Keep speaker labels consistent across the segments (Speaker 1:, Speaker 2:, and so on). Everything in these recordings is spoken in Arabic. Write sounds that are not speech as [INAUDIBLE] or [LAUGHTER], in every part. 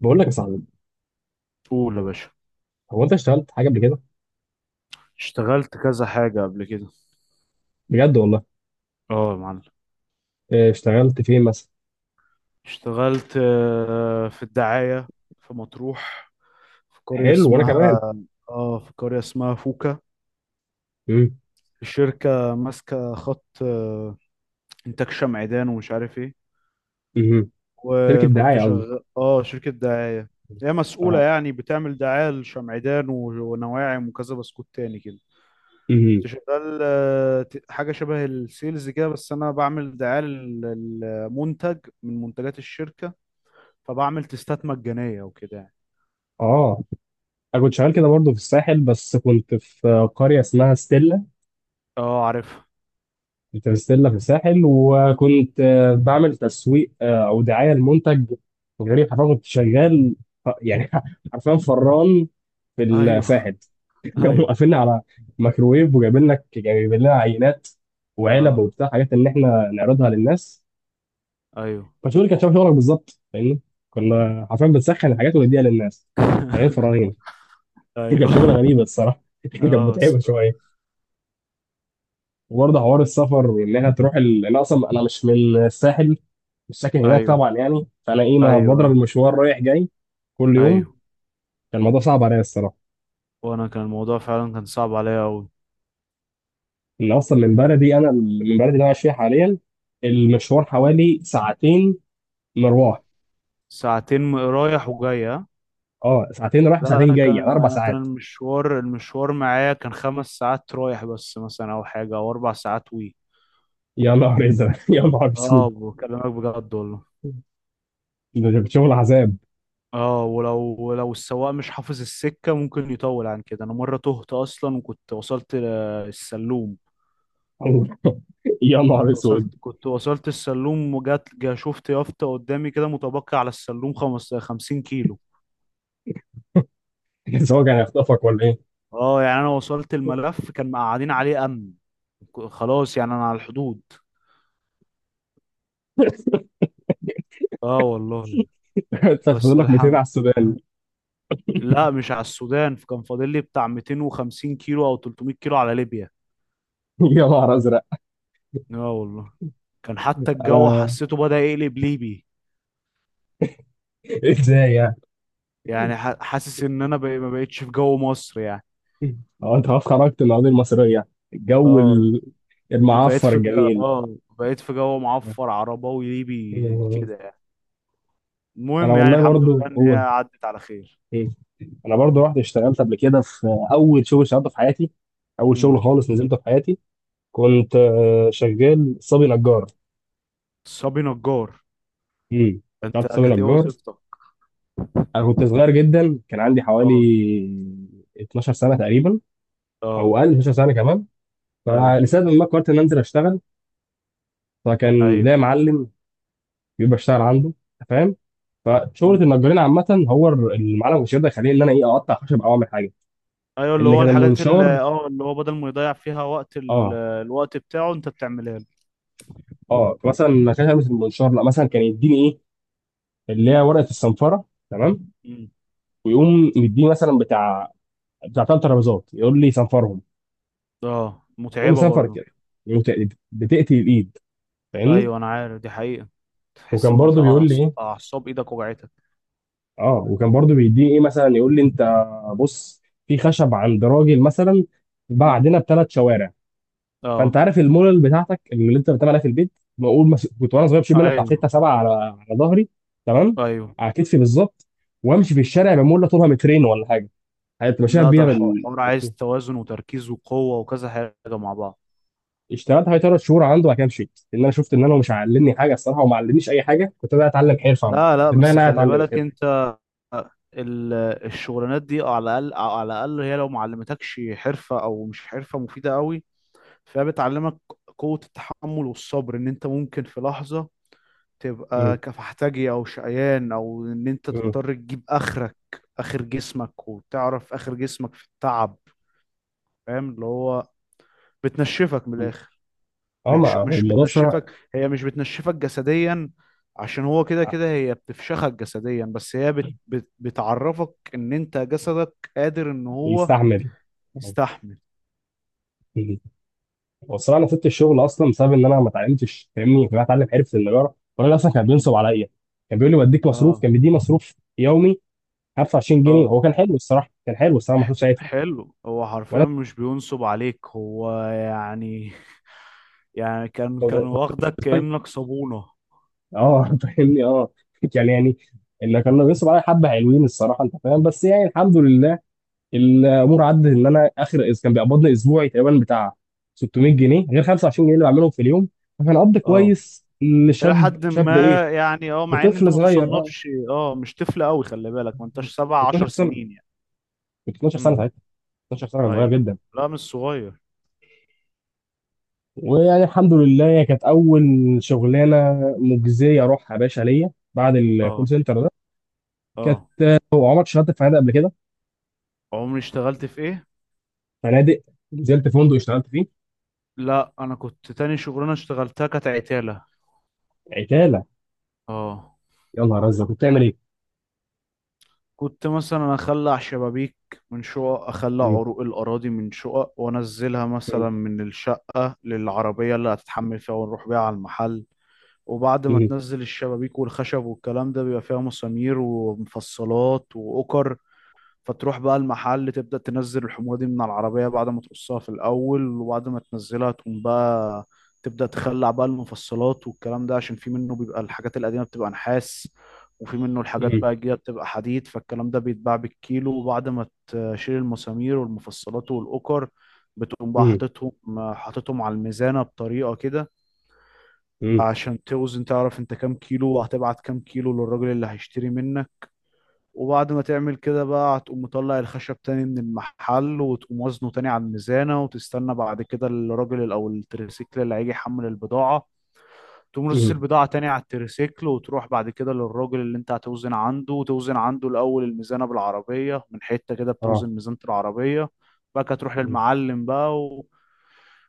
Speaker 1: بقول لك يا صاحبي.
Speaker 2: قول يا باشا.
Speaker 1: هو انت اشتغلت حاجه قبل كده؟
Speaker 2: اشتغلت كذا حاجة قبل كده.
Speaker 1: بجد والله.
Speaker 2: اه يا معلم.
Speaker 1: اه، اشتغلت فين مثلا؟
Speaker 2: اشتغلت في الدعاية. في مطروح. في قرية
Speaker 1: حلو وانا
Speaker 2: اسمها
Speaker 1: كمان.
Speaker 2: اه في قرية اسمها فوكا.
Speaker 1: امم.
Speaker 2: الشركة ماسكة خط إنتاج شمعدان، ومش عارف ايه.
Speaker 1: امم. شركه
Speaker 2: وكنت
Speaker 1: دعايه قصدي.
Speaker 2: شغال شركة دعاية. هي مسؤولة
Speaker 1: اه.
Speaker 2: يعني بتعمل دعاية لشمعدان ونواعم وكذا بسكوت تاني كده.
Speaker 1: امم.
Speaker 2: كنت شغال حاجة شبه السيلز كده، بس أنا بعمل دعاية للمنتج من منتجات الشركة. فبعمل تستات مجانية وكده يعني.
Speaker 1: اه. انا كنت شغال كده برضه في الساحل، بس كنت في قريه اسمها ستيلا.
Speaker 2: اه عارفها.
Speaker 1: كنت في ستيلا في الساحل، وكنت بعمل تسويق، او دعايه لمنتج غريب. حرفيا كنت شغال، اه، يعني [LAUGHS] حرفيا فران في
Speaker 2: ايوه،
Speaker 1: الساحل. [LAUGHS] قاموا
Speaker 2: ايوه،
Speaker 1: قافلنا على ميكروويف، وجايبين لك جايبين لنا عينات وعلب
Speaker 2: اه،
Speaker 1: وبتاع حاجات ان احنا نعرضها للناس.
Speaker 2: ايوه.
Speaker 1: فشغل كان شبه شغلك بالظبط، فاهمني؟ كنا حرفيا بنسخن الحاجات ونديها للناس. شغالين
Speaker 2: [LAUGHS]
Speaker 1: فراغين. [LAUGHS] كانت شغله
Speaker 2: ايوه،
Speaker 1: غريبه الصراحه. [LAUGHS] كانت
Speaker 2: اه
Speaker 1: متعبه
Speaker 2: الصراحة.
Speaker 1: شويه. وبرضه حوار السفر، وان انا انا اصلا انا مش من الساحل، مش ساكن هناك
Speaker 2: ايوه،
Speaker 1: طبعا يعني، فانا ايه ما
Speaker 2: ايوه،
Speaker 1: بضرب المشوار رايح جاي كل يوم.
Speaker 2: ايوه.
Speaker 1: كان الموضوع صعب عليا الصراحه.
Speaker 2: وانا كان الموضوع فعلا كان صعب عليا قوي.
Speaker 1: ان اصلا من بلدي، انا من بلدي اللي انا عايش فيها حاليا، المشوار حوالي ساعتين مروح.
Speaker 2: ساعتين رايح وجاي، ها؟
Speaker 1: اه، ساعتين رايح
Speaker 2: لا
Speaker 1: وساعتين
Speaker 2: انا
Speaker 1: جاي يعني
Speaker 2: كان
Speaker 1: اربع
Speaker 2: لا انا كان
Speaker 1: ساعات.
Speaker 2: المشوار معايا كان 5 ساعات رايح، بس مثلا او حاجه او 4 ساعات وي.
Speaker 1: يا نهار ازرق. [LAUGHS] يا نهار اسود.
Speaker 2: اه بكلمك بجد والله.
Speaker 1: ده كان شغل عذاب.
Speaker 2: اه، ولو السواق مش حافظ السكة ممكن يطول عن كده. انا مرة تهت اصلا وكنت وصلت السلوم.
Speaker 1: [LAUGHS] يا نهار
Speaker 2: كنت وصلت
Speaker 1: اسود.
Speaker 2: كنت وصلت السلوم، وجات جا شفت يافطة قدامي كده، متبقي على السلوم 50 كيلو.
Speaker 1: بس هو كان هيخطفك ولا ايه؟
Speaker 2: اه يعني انا وصلت، الملف كان مقعدين عليه امن. خلاص يعني انا على الحدود. اه والله.
Speaker 1: [LAUGHS] انت فاضل
Speaker 2: بس
Speaker 1: لك 200
Speaker 2: الحمد.
Speaker 1: على السودان.
Speaker 2: لا مش على السودان، كان فاضل لي بتاع 250 كيلو او 300 كيلو على ليبيا.
Speaker 1: [LAUGHS] يا نهار ازرق.
Speaker 2: اه والله. كان حتى الجو
Speaker 1: انا.
Speaker 2: حسيته بدأ يقلب ليبي.
Speaker 1: [LAUGHS] ازاي يعني؟
Speaker 2: يعني حاسس ان انا بقى ما بقتش في جو مصر يعني.
Speaker 1: هو انت خلاص خرجت من القضيه المصريه. الجو
Speaker 2: اه بقيت
Speaker 1: المعفر
Speaker 2: في جو
Speaker 1: الجميل.
Speaker 2: اه بقيت في جو معفر عرباوي ليبي
Speaker 1: [LAUGHS]
Speaker 2: كده يعني.
Speaker 1: انا
Speaker 2: المهم يعني
Speaker 1: والله
Speaker 2: الحمد
Speaker 1: برضو
Speaker 2: لله ان هي
Speaker 1: قول.
Speaker 2: عدت على خير.
Speaker 1: [LAUGHS] انا برضو رحت اشتغلت قبل كده في اول شغل اشتغلته في حياتي، اول شغل
Speaker 2: امم.
Speaker 1: خالص نزلته في حياتي. كنت شغال صبي نجار.
Speaker 2: صبي نجار.
Speaker 1: امم.
Speaker 2: انت
Speaker 1: بتاعت سامي
Speaker 2: كانت ايه
Speaker 1: نجار.
Speaker 2: وظيفتك؟
Speaker 1: انا كنت صغير جدا، كان عندي حوالي
Speaker 2: اه،
Speaker 1: 12 سنه تقريبا، او
Speaker 2: اه.
Speaker 1: اقل 12 سنه كمان.
Speaker 2: ايوه،
Speaker 1: فلسبب ما قررت ان انزل اشتغل. فكان
Speaker 2: ايوه.
Speaker 1: ليا معلم بيبقى اشتغل عنده، أنت فاهم؟ فشغله
Speaker 2: امم.
Speaker 1: النجارين عامه، هو المعلم مش يقدر يخليني ان انا ايه اقطع خشب او اعمل حاجه
Speaker 2: ايوه، اللي
Speaker 1: ان
Speaker 2: هو
Speaker 1: كان
Speaker 2: الحاجات اللي
Speaker 1: المنشار.
Speaker 2: اه اللي هو بدل ما يضيع فيها وقت
Speaker 1: اه.
Speaker 2: الوقت بتاعه انت بتعملها له.
Speaker 1: اه مثلا ما كانش ألبس المنشار، لا مثلا كان يديني ايه اللي هي ورقه الصنفره. تمام.
Speaker 2: امم.
Speaker 1: ويقوم مديني مثلا بتاع 3 ترابيزات، يقول لي صنفرهم.
Speaker 2: اه
Speaker 1: المهم
Speaker 2: متعبة
Speaker 1: سافر
Speaker 2: برضو.
Speaker 1: كده، وت- بتقتل الايد، فاهمني؟
Speaker 2: ايوه انا عارف دي حقيقة. تحس
Speaker 1: وكان
Speaker 2: ان
Speaker 1: برضه بيقول لي
Speaker 2: أعص-
Speaker 1: ايه.
Speaker 2: اعصاب ايدك وجعتك.
Speaker 1: اه، وكان برضو بيديني ايه، مثلا يقول لي انت بص، في خشب عند راجل مثلا بعدنا ب3 شوارع، فانت
Speaker 2: اه،
Speaker 1: عارف المولل بتاعتك اللي انت بتعملها في البيت، بقول كنت وانا صغير بشيل
Speaker 2: ايوه،
Speaker 1: منها بتاع
Speaker 2: ايوح،
Speaker 1: 6 7 على ظهري. تمام.
Speaker 2: ايوه.
Speaker 1: على كتفي بالظبط، وامشي في الشارع بمولة طولها مترين ولا حاجه. هتبقى شايف
Speaker 2: لا ده
Speaker 1: بيها
Speaker 2: الح-
Speaker 1: بال...
Speaker 2: الحوار عايز توازن وتركيز وقوة وكذا حاجة مع بعض.
Speaker 1: اشتغلت حوالي 3 شهور عنده، وبعد كده مشيت لان انا شفت ان انا مش علمني حاجه الصراحه، وما علمنيش اي حاجه. كنت انا اتعلم حرفه عموماً.
Speaker 2: لا، لا،
Speaker 1: في دماغي ان
Speaker 2: بس
Speaker 1: انا
Speaker 2: خلي
Speaker 1: اتعلم
Speaker 2: بالك
Speaker 1: الحرفه.
Speaker 2: انت. ال- الشغلانات دي على الاقل على الاقل هي لو ما علمتكش حرفه او مش حرفه مفيده قوي، فهي بتعلمك قوه التحمل والصبر. ان انت ممكن في لحظه تبقى
Speaker 1: مم.
Speaker 2: كفحتاجي او شقيان، او ان انت
Speaker 1: مم.
Speaker 2: تضطر تجيب اخرك، اخر جسمك، وتعرف اخر جسمك في التعب. فاهم اللي هو بتنشفك من
Speaker 1: مم.
Speaker 2: الاخر.
Speaker 1: اه، ما
Speaker 2: مش
Speaker 1: هو
Speaker 2: مش
Speaker 1: الموضوع الصراحه.
Speaker 2: بتنشفك، هي مش بتنشفك جسديا، عشان هو كده كده هي بتفشخك جسديا، بس هي بت بت بتعرفك ان انت جسدك قادر ان هو
Speaker 1: يستحمل.
Speaker 2: يستحمل.
Speaker 1: مم. هو الصراحه انا سبت الشغل اصلا بسبب ان انا ما اتعلمتش فاهمني، فانا اتعلم حرفه النجاره، والراجل اصلا كان
Speaker 2: مم.
Speaker 1: بينصب عليا. كان بيقول لي بديك مصروف،
Speaker 2: اه،
Speaker 1: كان بيديني مصروف يومي 25 جنيه.
Speaker 2: اه،
Speaker 1: هو كان حلو الصراحه، كان حلو الصراحه ما كنتش ساعتها
Speaker 2: حلو. هو حرفيا
Speaker 1: وانا
Speaker 2: مش بينصب عليك، هو يعني [LAUGHS] يعني كان
Speaker 1: كنت
Speaker 2: واخدك
Speaker 1: طفل.
Speaker 2: كأنك صابونة.
Speaker 1: اه [LAUGHS] فاهمني. اه، يعني اللي كانوا بيصروا عليا حبه حلوين الصراحه انت فاهم، بس يعني الحمد لله الامور
Speaker 2: مم.
Speaker 1: عدت. ان انا اخر كان بيقبضني اسبوعي تقريبا بتاع 600 جنيه، غير 25 جنيه اللي بعملهم في اليوم. فكان قبض
Speaker 2: اه
Speaker 1: كويس
Speaker 2: الى
Speaker 1: لشاب،
Speaker 2: حد
Speaker 1: شاب ايه،
Speaker 2: ما يعني، مع ان انت
Speaker 1: لطفل
Speaker 2: ما
Speaker 1: صغير اه.
Speaker 2: تصنفش، مش طفل قوي. خلي بالك ما
Speaker 1: كنت
Speaker 2: انتش سبع عشر
Speaker 1: 12 سنه،
Speaker 2: سنين يعني.
Speaker 1: كنت 12 سنه
Speaker 2: مم.
Speaker 1: ساعتها، 12 سنه صغير
Speaker 2: ايوه.
Speaker 1: جدا.
Speaker 2: لا مش صغير.
Speaker 1: ويعني الحمد لله هي كانت اول شغلانه مجزيه اروحها يا باشا ليا بعد الكول
Speaker 2: اه،
Speaker 1: سنتر ده. كانت.
Speaker 2: اه.
Speaker 1: هو عمرك اشتغلت في فنادق قبل كده؟
Speaker 2: عمري اشتغلت في ايه؟
Speaker 1: فنادق. نزلت فندق اشتغلت فيه.
Speaker 2: لا انا كنت تاني شغلانه اشتغلتها كانت عتاله.
Speaker 1: عتالة.
Speaker 2: اه.
Speaker 1: يا نهار أزرق، كنت بتعمل إيه؟
Speaker 2: كنت مثلا اخلع شبابيك من شقق، اخلع
Speaker 1: مم.
Speaker 2: عروق الاراضي من شقق، وانزلها
Speaker 1: مم.
Speaker 2: مثلا من الشقه للعربيه اللي هتتحمل فيها، ونروح بيها على المحل. وبعد ما
Speaker 1: مم.
Speaker 2: تنزل الشبابيك والخشب والكلام ده، بيبقى فيها مسامير ومفصلات واوكر، فتروح بقى المحل تبدأ تنزل الحموضة دي من على العربية بعد ما تقصها في الأول. وبعد ما تنزلها تقوم بقى تبدأ تخلع بقى المفصلات والكلام ده، عشان في منه بيبقى الحاجات القديمة بتبقى نحاس، وفي منه الحاجات
Speaker 1: مم.
Speaker 2: بقى الجديدة بتبقى حديد، فالكلام ده بيتباع بالكيلو. وبعد ما تشيل المسامير والمفصلات والأكر، بتقوم بقى
Speaker 1: مم.
Speaker 2: حاططهم، حاططهم على الميزانة بطريقة كده،
Speaker 1: مم.
Speaker 2: عشان توزن تعرف انت كام كيلو وهتبعت كام كيلو للراجل اللي هيشتري منك. وبعد ما تعمل كده بقى، هتقوم مطلع الخشب تاني من المحل وتقوم وزنه تاني على الميزانة، وتستنى بعد كده الراجل أو التريسيكل اللي هيجي يحمل البضاعة. تقوم رصص
Speaker 1: مم.
Speaker 2: البضاعة تاني على التريسيكل، وتروح بعد كده للراجل اللي انت هتوزن عنده، وتوزن عنده الأول الميزانة بالعربية، من حتة كده
Speaker 1: آه.
Speaker 2: بتوزن ميزانة العربية، بقى تروح
Speaker 1: مم.
Speaker 2: للمعلم بقى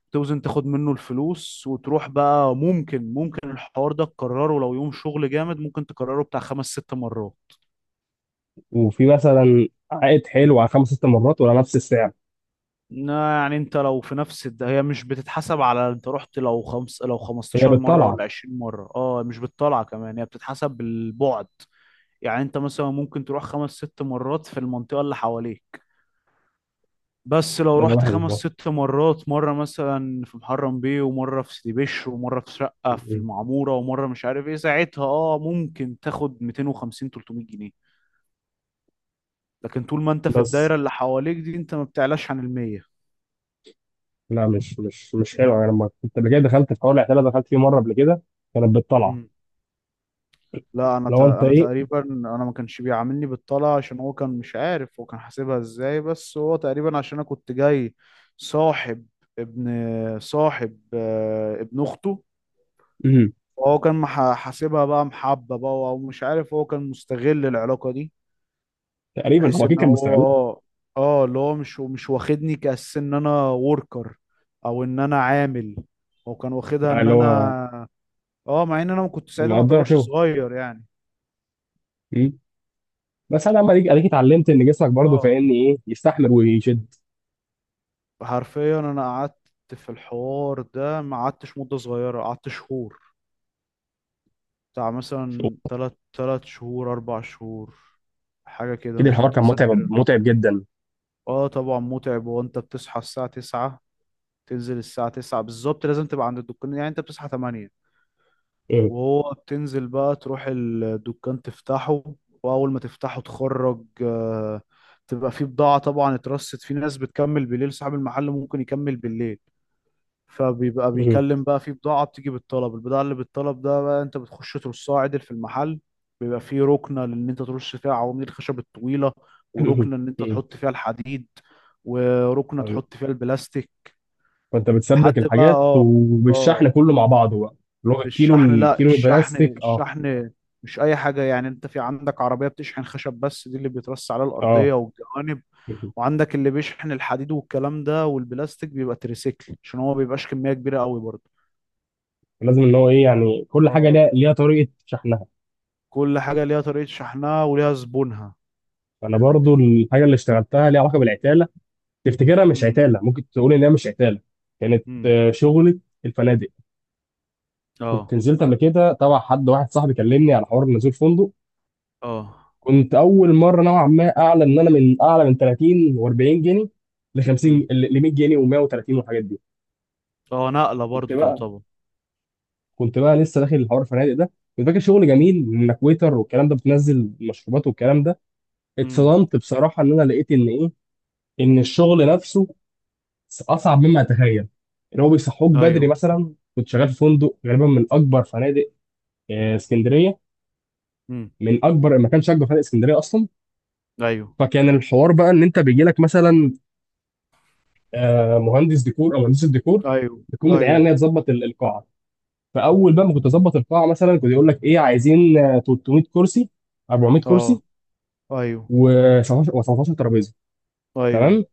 Speaker 2: وتوزن تاخد منه الفلوس. وتروح بقى، ممكن الحوار ده تكرره لو يوم شغل جامد، ممكن تكرره بتاع خمس ست مرات.
Speaker 1: وفي مثلا عائد حلو على خمس ست مرات ولا نفس السعر؟
Speaker 2: يعني انت لو في نفس هي مش بتتحسب على انت رحت لو خمس لو
Speaker 1: هي
Speaker 2: 15 مرة
Speaker 1: بالطلعة.
Speaker 2: ولا 20 مرة، اه مش بالطلعة كمان هي بتتحسب بالبعد. يعني انت مثلا ممكن تروح خمس ست مرات في المنطقة اللي حواليك، بس لو
Speaker 1: ده
Speaker 2: رحت
Speaker 1: واحد
Speaker 2: خمس
Speaker 1: يبقى.
Speaker 2: ست مرات، مرة مثلا في محرم بيه، ومرة في سيدي بشر، ومرة في شقة في
Speaker 1: مم.
Speaker 2: المعمورة، ومرة مش عارف ايه ساعتها، اه ممكن تاخد 250 300 جنيه. لكن طول ما انت في
Speaker 1: بس
Speaker 2: الدايرة اللي حواليك دي انت ما بتعلاش عن المية.
Speaker 1: لا، مش حلو. أنا لما كنت قبل كده دخلت في حوار العتالة، دخلت فيه مرة قبل كده، كانت بالطلعة.
Speaker 2: لا
Speaker 1: لو أنت
Speaker 2: انا
Speaker 1: إيه.
Speaker 2: تقريبا انا ما كانش بيعاملني بالطلعه، عشان هو كان مش عارف هو كان حاسبها ازاي، بس هو تقريبا عشان انا كنت جاي صاحب، ابن صاحب، ابن اخته.
Speaker 1: مم.
Speaker 2: هو كان حاسبها بقى محبه بقى، او مش عارف، هو كان مستغل العلاقه دي،
Speaker 1: تقريبا
Speaker 2: بحيث
Speaker 1: هو أكيد
Speaker 2: ان
Speaker 1: كان
Speaker 2: هو
Speaker 1: مستغلك.
Speaker 2: اه اللي هو مش واخدني كأس ان انا وركر، او ان انا عامل. هو كان واخدها ان
Speaker 1: اللي
Speaker 2: انا،
Speaker 1: هو.
Speaker 2: اه مع ان انا ما كنت ساعتها ما
Speaker 1: مقدرة
Speaker 2: اعتبرش
Speaker 1: شغل.
Speaker 2: صغير يعني.
Speaker 1: مم. بس أنا لما أديك اتعلمت إن جسمك برضه
Speaker 2: اه،
Speaker 1: فاهمني إيه، يستحمل ويشد.
Speaker 2: حرفيا انا قعدت في الحوار ده ما قعدتش مدة صغيرة، قعدت شهور، بتاع مثلا تلات تلات شهور اربع شهور، حاجة كده
Speaker 1: أكيد
Speaker 2: مش
Speaker 1: الحوار كان متعب
Speaker 2: متذكر.
Speaker 1: متعب جدا.
Speaker 2: اه طبعا متعب، وانت بتصحى الساعة 9، تنزل الساعة 9 بالظبط لازم تبقى عند الدكان، يعني انت بتصحى 8. وهو بتنزل بقى تروح الدكان تفتحه، واول ما تفتحه تخرج تبقى فيه بضاعة طبعا اترصت، في ناس بتكمل بالليل، صاحب المحل ممكن يكمل بالليل، فبيبقى
Speaker 1: مم.
Speaker 2: بيكلم بقى، في بضاعة بتيجي بالطلب، البضاعة اللي بالطلب ده بقى انت بتخش ترصها عدل في المحل. بيبقى فيه ركنة ان انت ترص فيها عواميد الخشب الطويلة،
Speaker 1: [CLEARS THROAT]
Speaker 2: وركنة ان انت
Speaker 1: مم.
Speaker 2: تحط فيها الحديد، وركنة تحط فيها البلاستيك.
Speaker 1: فانت بتسبك
Speaker 2: لحد بقى،
Speaker 1: الحاجات
Speaker 2: اه،
Speaker 1: وبالشحن
Speaker 2: اه.
Speaker 1: كله مع بعضه بقى. اللي هو الكيلو
Speaker 2: بالشحن، لا
Speaker 1: الكيلو
Speaker 2: الشحن
Speaker 1: البلاستيك اه.
Speaker 2: الشحن مش اي حاجة. يعني انت في عندك عربية بتشحن خشب بس، دي اللي بيترص على
Speaker 1: اه.
Speaker 2: الأرضية والجوانب،
Speaker 1: مم.
Speaker 2: وعندك اللي بيشحن الحديد والكلام ده، والبلاستيك بيبقى تريسيكل عشان هو ما بيبقاش كمية كبيرة قوي برضه.
Speaker 1: لازم ان هو ايه يعني كل حاجه
Speaker 2: اه،
Speaker 1: ليها طريقه شحنها.
Speaker 2: كل حاجة ليها طريقة شحنها وليها زبونها.
Speaker 1: انا برضو الحاجه اللي اشتغلتها ليها علاقه بالعتاله، تفتكرها مش
Speaker 2: امم،
Speaker 1: عتاله، ممكن تقول ان هي مش عتاله. كانت
Speaker 2: امم،
Speaker 1: شغلة الفنادق. كنت
Speaker 2: اه،
Speaker 1: نزلت قبل كده تبع حد واحد، صاحبي كلمني على حوار نزول فندق.
Speaker 2: اه،
Speaker 1: كنت اول مره نوعا ما اعلى، ان انا من اعلى من 30 و40 جنيه، ل 50
Speaker 2: امم،
Speaker 1: ل 100 جنيه و130 والحاجات دي.
Speaker 2: اه نقلة
Speaker 1: كنت
Speaker 2: برضو
Speaker 1: بقى
Speaker 2: تعتبر.
Speaker 1: كنت بقى لسه داخل الحوار الفنادق ده. كنت فاكر شغل جميل انك ويتر والكلام ده، بتنزل مشروبات والكلام ده.
Speaker 2: امم،
Speaker 1: اتصدمت بصراحه ان انا لقيت ان ايه، ان الشغل نفسه اصعب مما اتخيل. ان هو بيصحوك بدري.
Speaker 2: ايوه،
Speaker 1: مثلا كنت شغال في فندق غالبا من اكبر فنادق اسكندريه،
Speaker 2: امم،
Speaker 1: من اكبر، ما كانش اكبر فنادق اسكندريه اصلا.
Speaker 2: ايوه،
Speaker 1: فكان الحوار بقى ان انت بيجي لك مثلا مهندس ديكور او مهندس الديكور،
Speaker 2: ايوه،
Speaker 1: بتكون متعينه ان
Speaker 2: ايوه،
Speaker 1: هي تظبط القاعه. فاول بقى ما كنت اظبط القاعه مثلا، كنت يقول لك ايه عايزين 300 كرسي، 400 كرسي،
Speaker 2: اه، ايوه،
Speaker 1: و17 و17 ترابيزه.
Speaker 2: ايوه،
Speaker 1: تمام.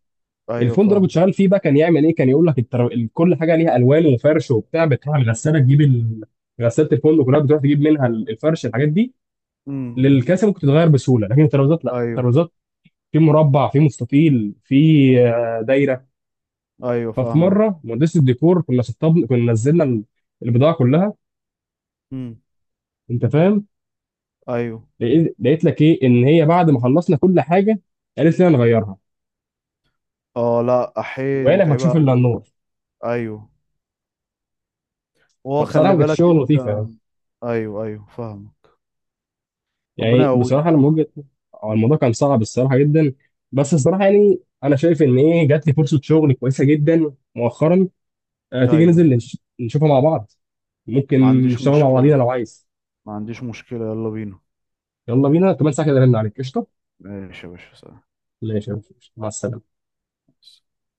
Speaker 2: ايوه
Speaker 1: الفندق اللي كنت
Speaker 2: فاهم.
Speaker 1: شغال فيه بقى كان يعمل ايه، كان يقول لك كل حاجه ليها الوان وفرش وبتاع، بتروح الغساله تجيب ال... غساله الفندق كلها بتروح تجيب منها الفرش الحاجات دي.
Speaker 2: امم،
Speaker 1: للكاسه ممكن تتغير بسهوله، لكن الترابيزات لا،
Speaker 2: ايوه،
Speaker 1: الترابيزات في مربع، في مستطيل، في دايره.
Speaker 2: ايوه
Speaker 1: ففي
Speaker 2: فاهمك.
Speaker 1: مره مهندس الديكور كنا نزلنا البضاعه كلها
Speaker 2: امم،
Speaker 1: انت فاهم،
Speaker 2: ايوه.
Speaker 1: لقيت لك ايه ان هي بعد ما خلصنا كل حاجه قالت لنا نغيرها،
Speaker 2: اه لا احيي، دي
Speaker 1: وقال لما
Speaker 2: متعبة
Speaker 1: تشوف الا
Speaker 2: قوي دي.
Speaker 1: النور.
Speaker 2: ايوه، هو خلي
Speaker 1: فبصراحه كانت
Speaker 2: بالك
Speaker 1: شغل
Speaker 2: انت.
Speaker 1: لطيفه يعني.
Speaker 2: ايوه، ايوه فاهمك. ربنا
Speaker 1: يعني
Speaker 2: يقويك.
Speaker 1: بصراحه لما وجهت، هو الموضوع كان صعب الصراحه جدا. بس الصراحه يعني انا شايف ان ايه جات لي فرصه شغل كويسه جدا مؤخرا. أه، تيجي
Speaker 2: ايوه،
Speaker 1: ننزل نشوفها مع بعض؟ ممكن
Speaker 2: ما عنديش
Speaker 1: نشتغل مع بعضينا
Speaker 2: مشكلة،
Speaker 1: لو عايز.
Speaker 2: ما عنديش مشكلة، يلا بينا.
Speaker 1: يلا بينا كمان ساعه كده رن عليك قشطه.
Speaker 2: ماشي يا باشا، سلام.
Speaker 1: ماشي يا باشا. مع السلامه.